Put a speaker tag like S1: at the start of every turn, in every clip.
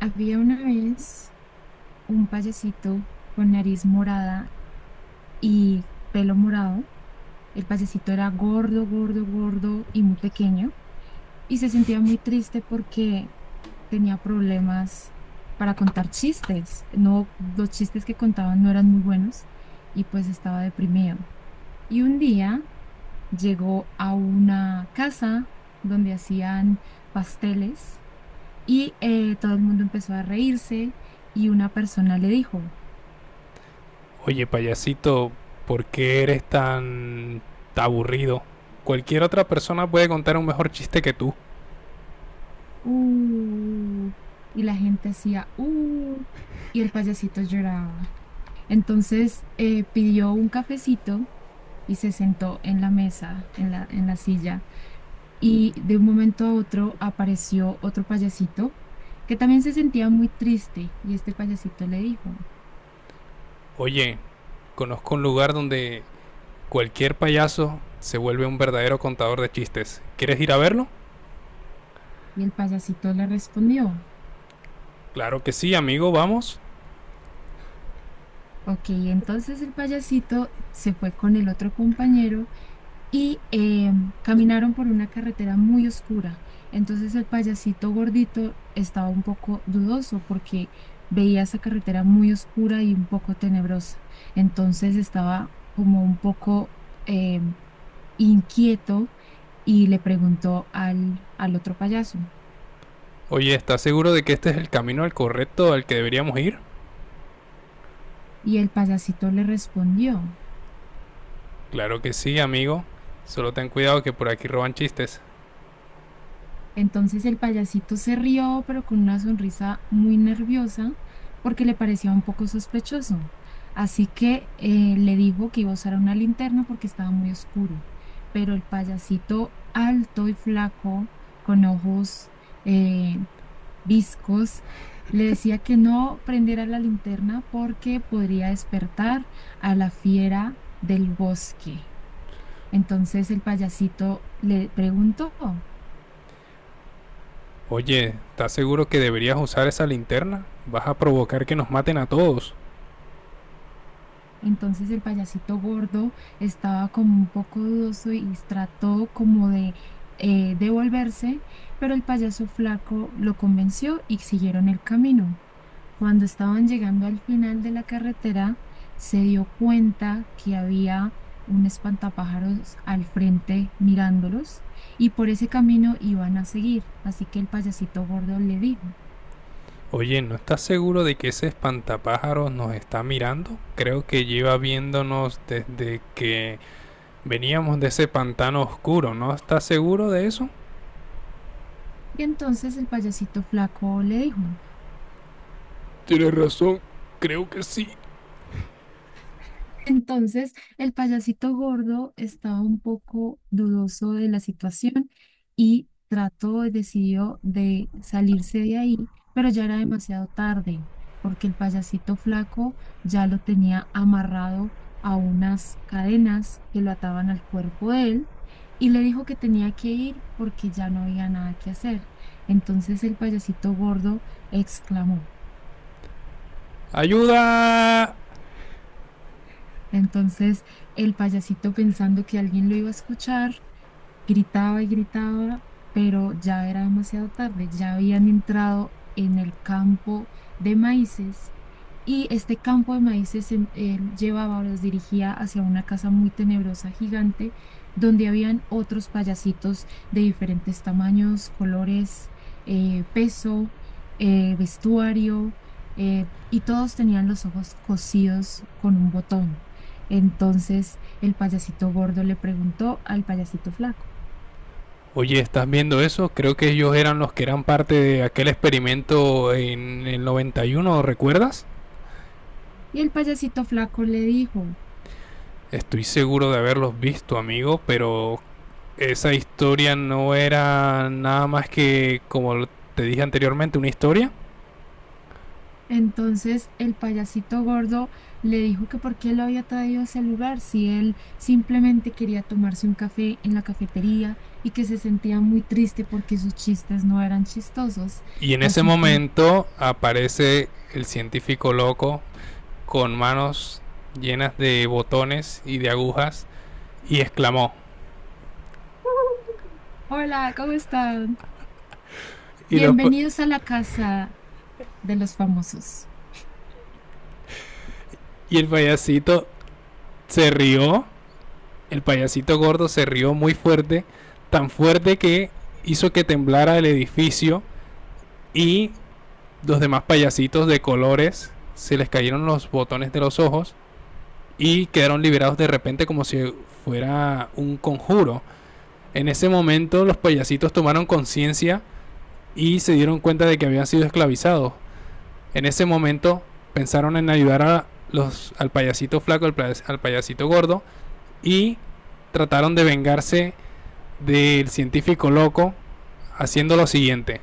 S1: Había una vez un payasito con nariz morada y pelo morado. El payasito era gordo, gordo, gordo y muy pequeño y se sentía muy triste porque tenía problemas para contar chistes. No, los chistes que contaban no eran muy buenos y pues estaba deprimido. Y un día llegó a una casa donde hacían pasteles y todo el mundo empezó a reírse y una persona le dijo
S2: Oye, payasito, ¿por qué eres tan aburrido? Cualquier otra persona puede contar un mejor chiste que tú.
S1: uh, y la gente hacía, y el payasito lloraba. Entonces pidió un cafecito y se sentó en la mesa, en la silla, y de un momento a otro apareció otro payasito que también se sentía muy triste, y este payasito le dijo,
S2: Oye, conozco un lugar donde cualquier payaso se vuelve un verdadero contador de chistes. ¿Quieres ir a verlo?
S1: y el payasito le respondió.
S2: Claro que sí, amigo, vamos.
S1: Ok, entonces el payasito se fue con el otro compañero y caminaron por una carretera muy oscura. Entonces el payasito gordito estaba un poco dudoso porque veía esa carretera muy oscura y un poco tenebrosa. Entonces estaba como un poco eh, inquieto y le preguntó al otro payaso.
S2: Oye, ¿estás seguro de que este es el camino al correcto al que deberíamos ir?
S1: Y el payasito le respondió.
S2: Claro que sí, amigo. Solo ten cuidado que por aquí roban chistes.
S1: Entonces el payasito se rió, pero con una sonrisa muy nerviosa, porque le parecía un poco sospechoso. Así que le dijo que iba a usar una linterna porque estaba muy oscuro. Pero el payasito alto y flaco, con ojos eh, viscos, le decía que no prendiera la linterna porque podría despertar a la fiera del bosque. Entonces el payasito le preguntó.
S2: Oye, ¿estás seguro que deberías usar esa linterna? Vas a provocar que nos maten a todos.
S1: Entonces el payasito gordo estaba como un poco dudoso y trató como de devolverse, pero el payaso flaco lo convenció y siguieron el camino. Cuando estaban llegando al final de la carretera, se dio cuenta que había un espantapájaros al frente mirándolos y por ese camino iban a seguir. Así que el payasito gordo le dijo.
S2: Oye, ¿no estás seguro de que ese espantapájaros nos está mirando? Creo que lleva viéndonos desde que veníamos de ese pantano oscuro, ¿no estás seguro de eso?
S1: Y entonces el payasito flaco le dijo.
S2: Tienes razón, creo que sí.
S1: Entonces, el payasito gordo estaba un poco dudoso de la situación y trató y decidió de salirse de ahí, pero ya era demasiado tarde, porque el payasito flaco ya lo tenía amarrado a unas cadenas que lo ataban al cuerpo de él y le dijo que tenía que ir porque ya no había nada que hacer. Entonces, el payasito gordo exclamó.
S2: ¡Ayuda!
S1: Entonces, el payasito pensando que alguien lo iba a escuchar, gritaba y gritaba, pero ya era demasiado tarde, ya habían entrado en el campo de maíces y este campo de maíces en- él llevaba o los dirigía hacia una casa muy tenebrosa, gigante, donde habían otros payasitos de diferentes tamaños, colores, peso, vestuario, y todos tenían los ojos cosidos con un botón. Entonces, el payasito gordo le preguntó al payasito flaco.
S2: Oye, ¿estás viendo eso? Creo que ellos eran los que eran parte de aquel experimento en el 91, ¿recuerdas?
S1: Y el payasito flaco le dijo.
S2: Estoy seguro de haberlos visto, amigo, pero esa historia no era nada más que, como te dije anteriormente, una historia.
S1: Entonces el payasito gordo le dijo que por qué lo había traído a ese lugar si él simplemente quería tomarse un café en la cafetería y que se sentía muy triste porque sus chistes no eran chistosos.
S2: Y en ese
S1: Así que,
S2: momento aparece el científico loco con manos llenas de botones y de agujas y exclamó.
S1: hola, ¿cómo están?
S2: Y los,
S1: Bienvenidos a la casa de los famosos.
S2: y el payasito se rió, el payasito gordo se rió muy fuerte, tan fuerte que hizo que temblara el edificio y los demás payasitos de colores se les cayeron los botones de los ojos y quedaron liberados de repente como si fuera un conjuro. En ese momento los payasitos tomaron conciencia y se dieron cuenta de que habían sido esclavizados. En ese momento pensaron en ayudar al payasito flaco, al payasito gordo y trataron de vengarse del científico loco haciendo lo siguiente.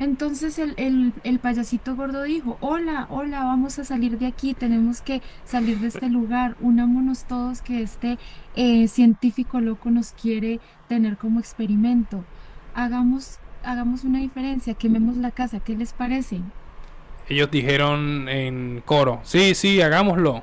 S1: Entonces el payasito gordo dijo, hola, hola, vamos a salir de aquí, tenemos que salir de este lugar, unámonos todos que este científico loco nos quiere tener como experimento. Hagamos una diferencia, quememos la casa, ¿qué les parece?
S2: Ellos dijeron en coro, sí, sí, hagámoslo.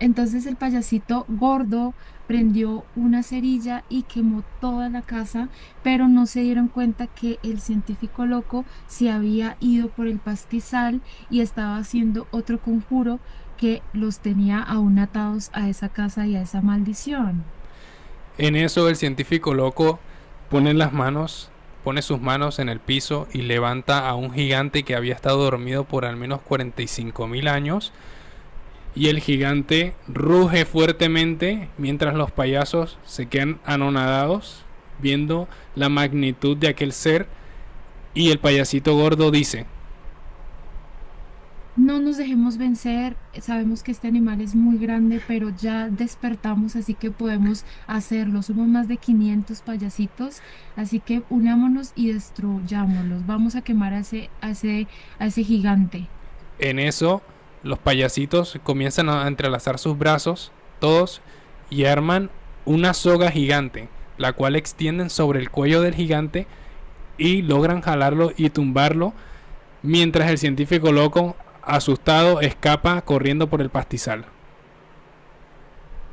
S1: Entonces el payasito gordo prendió una cerilla y quemó toda la casa, pero no se dieron cuenta que el científico loco se había ido por el pastizal y estaba haciendo otro conjuro que los tenía aún atados a esa casa y a esa maldición.
S2: En eso el científico loco pone las manos, pone sus manos en el piso y levanta a un gigante que había estado dormido por al menos 45 mil años y el gigante ruge fuertemente mientras los payasos se quedan anonadados viendo la magnitud de aquel ser y el payasito gordo dice.
S1: No nos dejemos vencer, sabemos que este animal es muy grande, pero ya despertamos, así que podemos hacerlo. Somos más de 500 payasitos, así que unámonos y destruyámoslos. Vamos a quemar a ese gigante.
S2: En eso, los payasitos comienzan a entrelazar sus brazos, todos, y arman una soga gigante, la cual extienden sobre el cuello del gigante y logran jalarlo y tumbarlo, mientras el científico loco, asustado, escapa corriendo por el pastizal.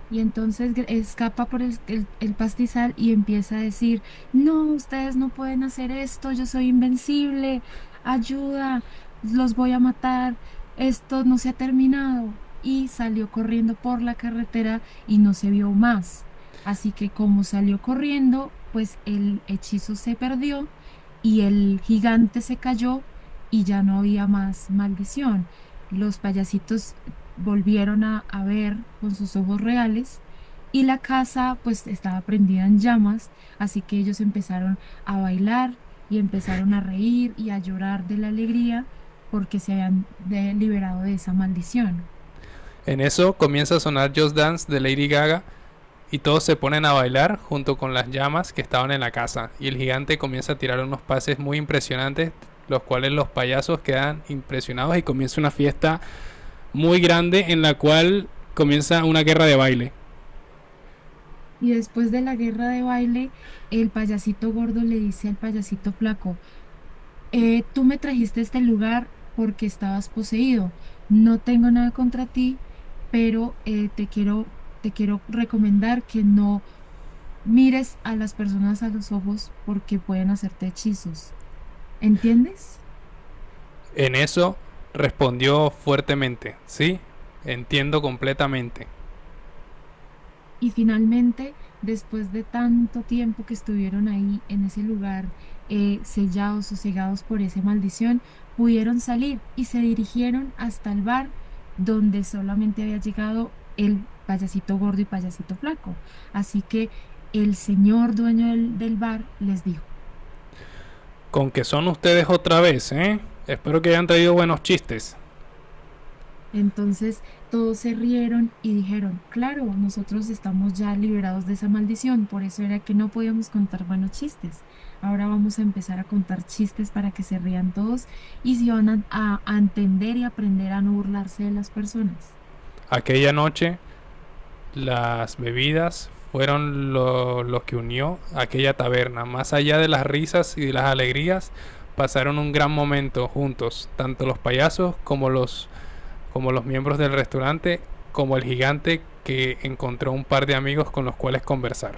S1: Y entonces escapa por el pastizal y empieza a decir, no, ustedes no pueden hacer esto, yo soy invencible, ayuda, los voy a matar, esto no se ha terminado. Y salió corriendo por la carretera y no se vio más. Así que como salió corriendo, pues el hechizo se perdió y el gigante se cayó y ya no había más maldición. Los payasitos volvieron a ver con sus ojos reales y la casa pues estaba prendida en llamas, así que ellos empezaron a bailar y empezaron a reír y a llorar de la alegría porque se habían liberado de esa maldición.
S2: En eso comienza a sonar Just Dance de Lady Gaga y todos se ponen a bailar junto con las llamas que estaban en la casa y el gigante comienza a tirar unos pases muy impresionantes los cuales los payasos quedan impresionados y comienza una fiesta muy grande en la cual comienza una guerra de baile.
S1: Y después de la guerra de baile, el payasito gordo le dice al payasito flaco, tú me trajiste a este lugar porque estabas poseído. No tengo nada contra ti, pero te quiero recomendar que no mires a las personas a los ojos porque pueden hacerte hechizos, ¿entiendes?
S2: En eso respondió fuertemente, sí, entiendo completamente.
S1: Y finalmente, después de tanto tiempo que estuvieron ahí en ese lugar, sellados, sosegados por esa maldición, pudieron salir y se dirigieron hasta el bar donde solamente había llegado el payasito gordo y payasito flaco. Así que el señor dueño del bar les dijo,
S2: Con que son ustedes otra vez, ¿eh? Espero que hayan traído buenos chistes.
S1: entonces todos se rieron y dijeron, claro, nosotros estamos ya liberados de esa maldición, por eso era que no podíamos contar buenos chistes. Ahora vamos a empezar a contar chistes para que se rían todos y se van a entender y aprender a no burlarse de las personas.
S2: Aquella noche las bebidas fueron lo que unió a aquella taberna. Más allá de las risas y de las alegrías, pasaron un gran momento juntos, tanto los payasos como los miembros del restaurante, como el gigante que encontró un par de amigos con los cuales conversar.